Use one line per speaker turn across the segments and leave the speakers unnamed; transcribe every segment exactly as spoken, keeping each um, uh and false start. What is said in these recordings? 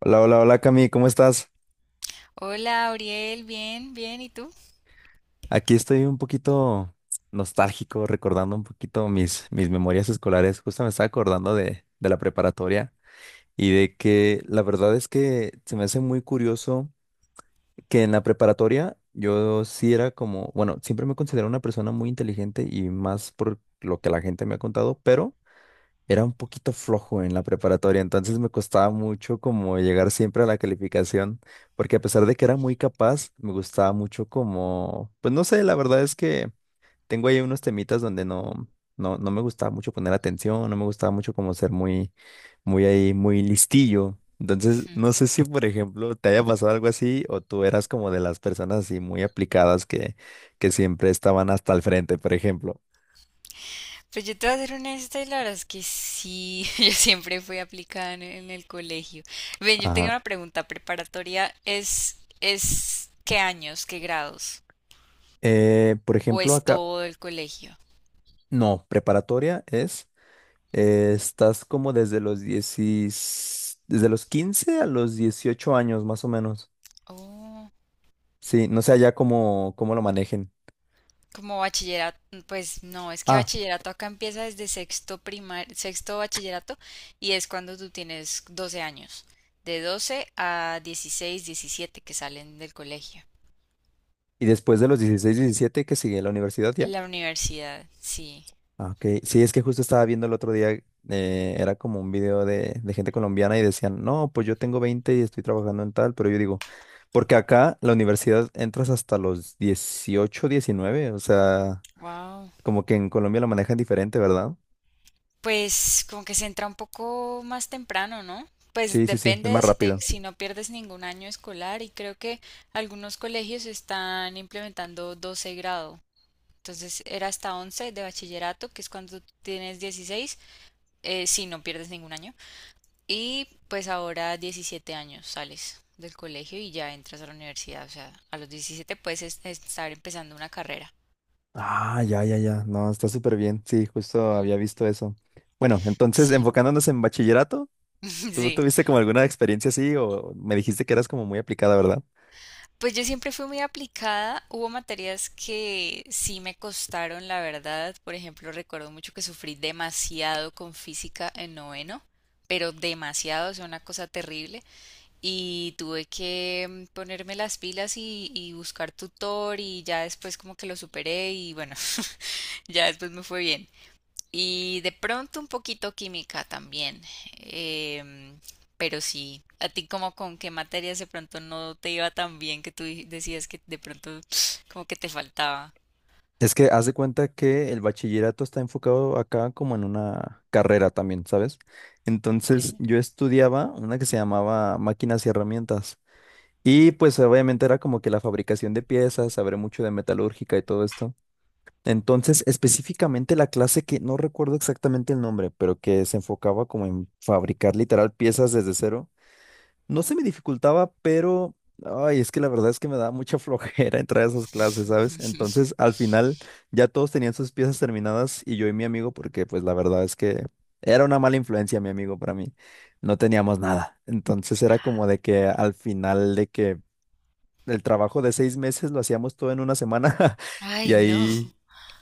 Hola, hola, hola Cami, ¿cómo estás?
Hola, Auriel, bien, bien, ¿y tú?
Aquí estoy un poquito nostálgico, recordando un poquito mis, mis memorias escolares. Justo me estaba acordando de, de la preparatoria, y de que la verdad es que se me hace muy curioso que en la preparatoria yo sí era como, bueno, siempre me considero una persona muy inteligente y más por lo que la gente me ha contado, pero era un poquito flojo en la preparatoria, entonces me costaba mucho como llegar siempre a la calificación, porque a pesar de que era muy capaz, me gustaba mucho como, pues no sé, la verdad es que tengo ahí unos temitas donde no, no, no me gustaba mucho poner atención, no me gustaba mucho como ser muy, muy ahí, muy listillo. Entonces,
Ujú.
no sé si, por ejemplo, te haya pasado algo así o tú eras como de las personas así muy aplicadas que, que siempre estaban hasta el frente, por ejemplo.
Pues yo te voy a ser honesta y la verdad es que sí, yo siempre fui aplicada en, en el colegio. Ven, yo tengo
Ajá.
una pregunta, ¿preparatoria es, es qué años, qué grados?
Eh, por
¿O
ejemplo,
es
acá,
todo el colegio?
no, preparatoria es, eh, estás como desde los diez, desde los quince a los dieciocho años, más o menos.
Oh,
Sí, no sé allá cómo, cómo lo manejen.
como bachillerato, pues no, es que
Ah,
bachillerato acá empieza desde sexto primar, sexto bachillerato y es cuando tú tienes doce años, de doce a dieciséis, diecisiete que salen del colegio.
y después de los dieciséis, diecisiete, que sigue la universidad ya.
La universidad, sí.
Ah, ok. Sí, es que justo estaba viendo el otro día, eh, era como un video de, de gente colombiana y decían, no, pues yo tengo veinte y estoy trabajando en tal, pero yo digo, porque acá la universidad entras hasta los dieciocho, diecinueve, o sea,
Wow.
como que en Colombia lo manejan diferente, ¿verdad?
Pues como que se entra un poco más temprano, ¿no? Pues
Sí, sí, sí, es
depende
más
de si te,
rápido.
si no pierdes ningún año escolar y creo que algunos colegios están implementando doce grado. Entonces era hasta once de bachillerato, que es cuando tienes dieciséis eh, si no pierdes ningún año. Y pues ahora diecisiete años sales del colegio y ya entras a la universidad. O sea, a los diecisiete puedes es- estar empezando una carrera.
Ah, ya, ya, ya. No, está súper bien. Sí, justo
Mm,
había visto eso. Bueno, entonces,
sí,
enfocándonos en bachillerato, ¿tú
sí.
tuviste como alguna experiencia así o me dijiste que eras como muy aplicada? ¿Verdad?
Pues yo siempre fui muy aplicada. Hubo materias que sí me costaron, la verdad. Por ejemplo, recuerdo mucho que sufrí demasiado con física en noveno, pero demasiado, o sea, una cosa terrible. Y tuve que mm, ponerme las pilas y, y buscar tutor y ya después como que lo superé y bueno, ya después me fue bien. Y de pronto un poquito química también. em, pero sí, ¿a ti como con qué materias de pronto no te iba tan bien que tú di- decías que de pronto como que te faltaba?
Es que haz de cuenta que el bachillerato está enfocado acá como en una carrera también, ¿sabes?
Ok.
Entonces, yo estudiaba una que se llamaba máquinas y herramientas. Y pues obviamente era como que la fabricación de piezas, saber mucho de metalúrgica y todo esto. Entonces, específicamente la clase que no recuerdo exactamente el nombre, pero que se enfocaba como en fabricar literal piezas desde cero, no se me dificultaba, pero ay, es que la verdad es que me daba mucha flojera entrar a esas clases, ¿sabes? Entonces, al final ya todos tenían sus piezas terminadas y yo y mi amigo, porque pues la verdad es que era una mala influencia mi amigo para mí, no teníamos nada. Entonces era como de que al final de que el trabajo de seis meses lo hacíamos todo en una semana. Y
Ay, no.
ahí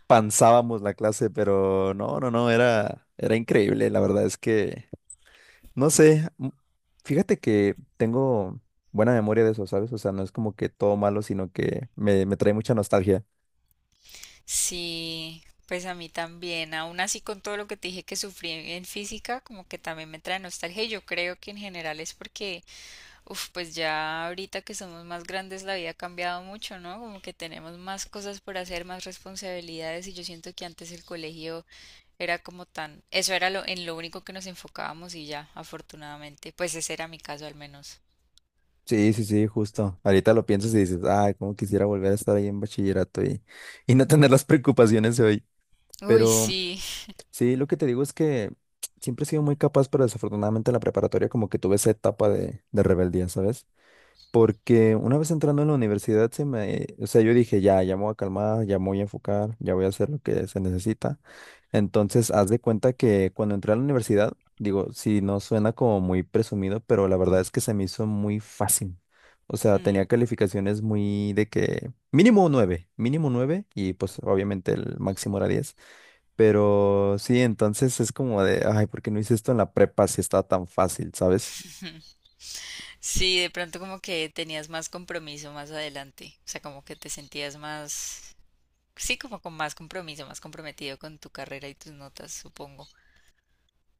pansábamos la clase, pero no, no, no, era, era increíble. La verdad es que, no sé, m- fíjate que tengo buena memoria de eso, ¿sabes? O sea, no es como que todo malo, sino que me, me trae mucha nostalgia.
Sí, pues a mí también. Aún así con todo lo que te dije que sufrí en física, como que también me trae nostalgia. Y yo creo que en general es porque. Uf, pues ya ahorita que somos más grandes la vida ha cambiado mucho, ¿no? Como que tenemos más cosas por hacer, más responsabilidades y yo siento que antes el colegio era como tan, eso era lo en lo único que nos enfocábamos y ya, afortunadamente, pues ese era mi caso al menos.
Sí, sí, sí, justo. Ahorita lo piensas y dices, ay, cómo quisiera volver a estar ahí en bachillerato, y, y no tener las preocupaciones de hoy.
Uy,
Pero
sí.
sí, lo que te digo es que siempre he sido muy capaz, pero desafortunadamente en la preparatoria como que tuve esa etapa de, de rebeldía, ¿sabes? Porque una vez entrando en la universidad, se me, o sea, yo dije, ya, ya me voy a calmar, ya me voy a enfocar, ya voy a hacer lo que se necesita. Entonces, haz de cuenta que cuando entré a la universidad, digo, sí, no suena como muy presumido, pero la verdad es que se me hizo muy fácil. O sea,
Hmm.
tenía calificaciones muy de que mínimo nueve, mínimo nueve y pues obviamente el máximo era diez. Pero sí, entonces es como de, ay, ¿por qué no hice esto en la prepa si estaba tan fácil? ¿Sabes?
Sí, de pronto como que tenías más compromiso más adelante, o sea, como que te sentías más, sí, como con más compromiso, más comprometido con tu carrera y tus notas, supongo.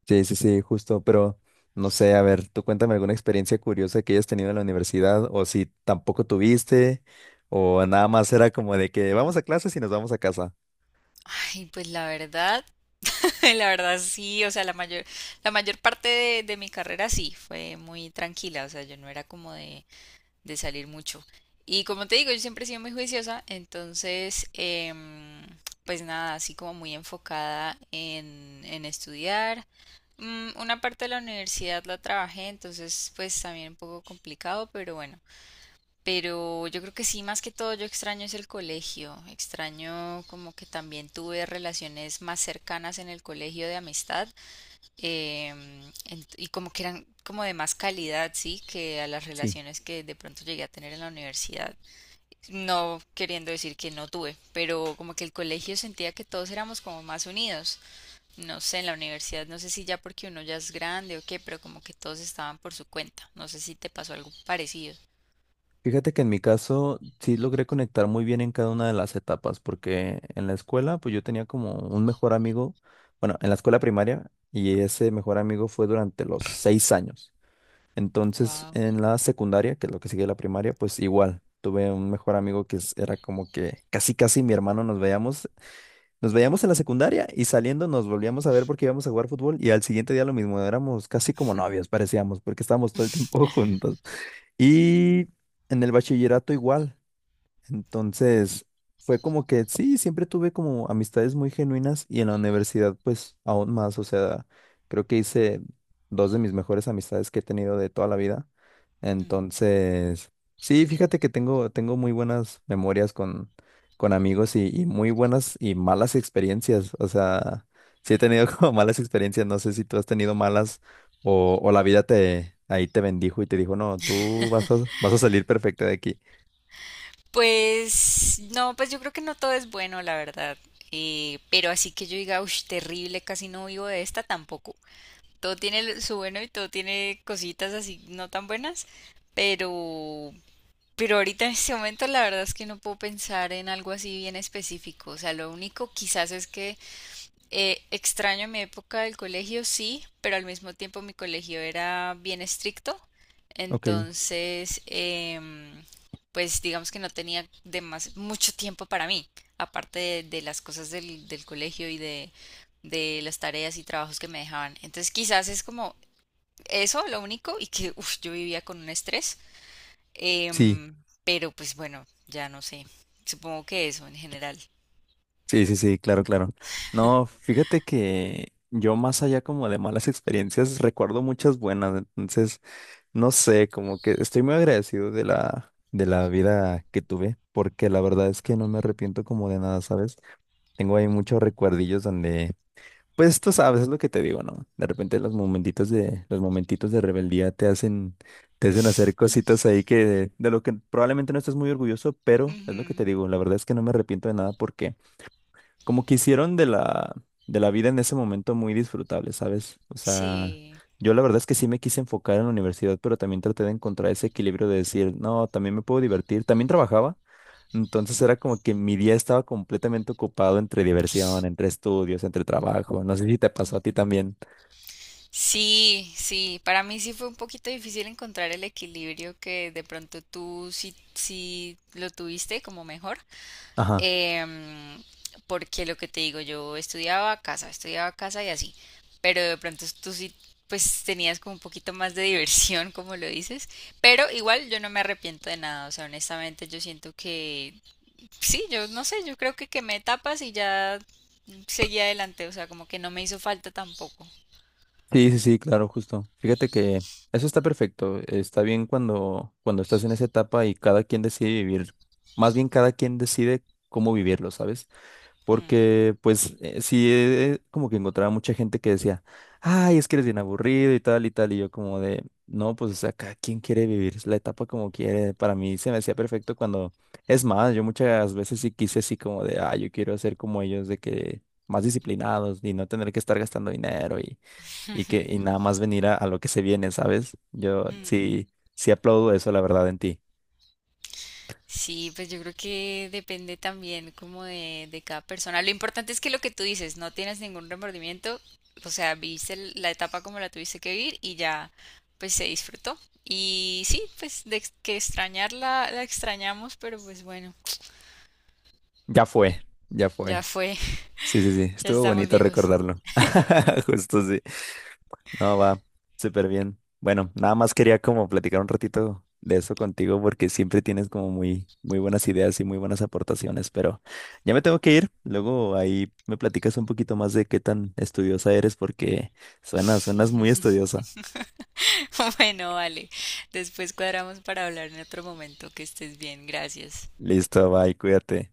Sí, sí, sí, justo, pero no sé, a ver, tú cuéntame alguna experiencia curiosa que hayas tenido en la universidad o si tampoco tuviste o nada más era como de que vamos a clases y nos vamos a casa.
Ay, pues la verdad, la verdad sí, o sea, la mayor, la mayor parte de, de mi carrera sí, fue muy tranquila, o sea, yo no era como de, de salir mucho. Y como te digo, yo siempre he sido muy juiciosa, entonces, em, pues nada, así como muy enfocada en, en estudiar. Mm, Una parte de la universidad la trabajé, entonces pues también un poco complicado, pero bueno, pero yo creo que sí, más que todo yo extraño es el colegio. Extraño como que también tuve relaciones más cercanas en el colegio de amistad em, ent- y como que eran como de más calidad, sí, que a las
Sí,
relaciones que de pronto llegué a tener en la universidad. No queriendo decir que no tuve, pero como que el colegio sentía que todos éramos como más unidos. No sé, en la universidad no sé si ya porque uno ya es grande o qué, pero como que todos estaban por su cuenta. No sé si te pasó algo parecido.
fíjate que en mi caso sí logré conectar muy bien en cada una de las etapas porque en la escuela pues yo tenía como un mejor amigo, bueno, en la escuela primaria y ese mejor amigo fue durante los seis años. Entonces,
Wow.
en la secundaria, que es lo que sigue la primaria, pues igual, tuve un mejor amigo que es- era como que casi casi mi hermano. Nos veíamos, nos veíamos en la secundaria y saliendo nos volvíamos a ver porque íbamos a jugar fútbol y al siguiente día lo mismo, éramos casi como novios, parecíamos, porque estábamos todo el tiempo juntos. Y en el bachillerato igual. Entonces, fue como que sí, siempre tuve como amistades muy genuinas y en la universidad pues aún más, o sea, creo que hice dos de mis mejores amistades que he tenido de toda la vida. Entonces, sí, fíjate que tengo, tengo muy buenas memorias con, con amigos y, y muy buenas y malas experiencias. O sea, sí he tenido como malas experiencias, no sé si tú has tenido malas o, o la vida te ahí te bendijo y te dijo, no, tú vas a, vas a salir perfecta de aquí.
Pues no, pues yo creo que no todo es bueno, la verdad. Eh, pero así que yo diga, uff, terrible, casi no vivo de esta tampoco. Todo tiene lo- su bueno y todo tiene cositas así no tan buenas, pero, pero ahorita en este momento la verdad es que no puedo pensar en algo así bien específico. O sea, lo único quizás es que eh, extraño mi época del colegio, sí, pero al mismo tiempo mi colegio era bien estricto,
Ok,
entonces, em, pues digamos que no tenía demas- mucho tiempo para mí, aparte de, de las cosas del, del colegio y de, de las tareas y trabajos que me dejaban. Entonces, quizás es como eso lo único y que uf, yo vivía con un estrés,
sí.
em, pero pues bueno, ya no sé, supongo que eso en general.
Sí, sí, sí, claro, claro. No, fíjate que yo más allá como de malas experiencias, recuerdo muchas buenas, entonces, no sé, como que estoy muy agradecido de la, de la vida que tuve, porque la verdad es que no me arrepiento como de nada, ¿sabes? Tengo ahí muchos recuerdillos donde, pues tú sabes, es lo que te digo, ¿no? De repente los momentitos de, los momentitos de
Mm.
rebeldía te hacen, te hacen hacer cositas ahí que de, lo que probablemente no estés muy orgulloso, pero es lo que te
Ujú,
digo, la verdad es que no me arrepiento de nada porque como que hicieron de la, de la vida en ese momento muy disfrutable, ¿sabes? O sea,
sí.
yo la verdad es que sí me quise enfocar en la universidad, pero también traté de encontrar ese equilibrio de decir, no, también me puedo divertir, también trabajaba, entonces era como que mi día estaba completamente ocupado entre diversión, entre estudios, entre trabajo, no sé si te pasó a ti también.
Sí, sí, para mí sí fue un poquito difícil encontrar el equilibrio que de pronto tú sí, sí lo tuviste como mejor,
Ajá.
em, porque lo que te digo, yo estudiaba a casa, estudiaba a casa y así, pero de pronto tú sí pues tenías como un poquito más de diversión, como lo dices, pero igual yo no me arrepiento de nada, o sea, honestamente yo siento que sí, yo no sé, yo creo que quemé etapas y ya seguí adelante, o sea, como que no me hizo falta tampoco.
Sí, sí, sí, claro, justo. Fíjate que eso está perfecto, está bien cuando, cuando estás en esa etapa y cada quien decide vivir, más bien cada quien decide cómo vivirlo, ¿sabes?
Mm,
Porque pues eh, sí, eh, eh, como que encontraba mucha gente que decía, ay, es que eres bien aburrido y tal y tal, y yo como de, no, pues o sea, cada quien quiere vivir la etapa como quiere, para mí se me hacía perfecto cuando, es más, yo muchas veces sí quise así como de, ah, yo quiero ser como ellos, de que más disciplinados y no tener que estar gastando dinero y, y que y nada más venir a, a lo que se viene, ¿sabes? Yo
mm.
sí, sí aplaudo eso, la verdad, en ti.
Sí, pues yo creo que depende también como de, de cada persona. Lo importante es que lo que tú dices, no tienes ningún remordimiento, o sea, viviste el- la etapa como la tuviste que vivir y ya, pues se disfrutó. Y sí, pues de ex- que extrañarla, la extrañamos, pero pues bueno,
Ya fue, ya
ya
fue.
fue,
Sí, sí, sí,
ya
estuvo
estamos
bonito
viejos.
recordarlo. Justo sí. No, va, súper bien. Bueno, nada más quería como platicar un ratito de eso contigo porque siempre tienes como muy, muy buenas ideas y muy buenas aportaciones, pero ya me tengo que ir. Luego ahí me platicas un poquito más de qué tan estudiosa eres porque suena, suenas muy estudiosa.
Bueno, vale, después cuadramos para hablar en otro momento, que estés bien, gracias.
Listo, bye, cuídate.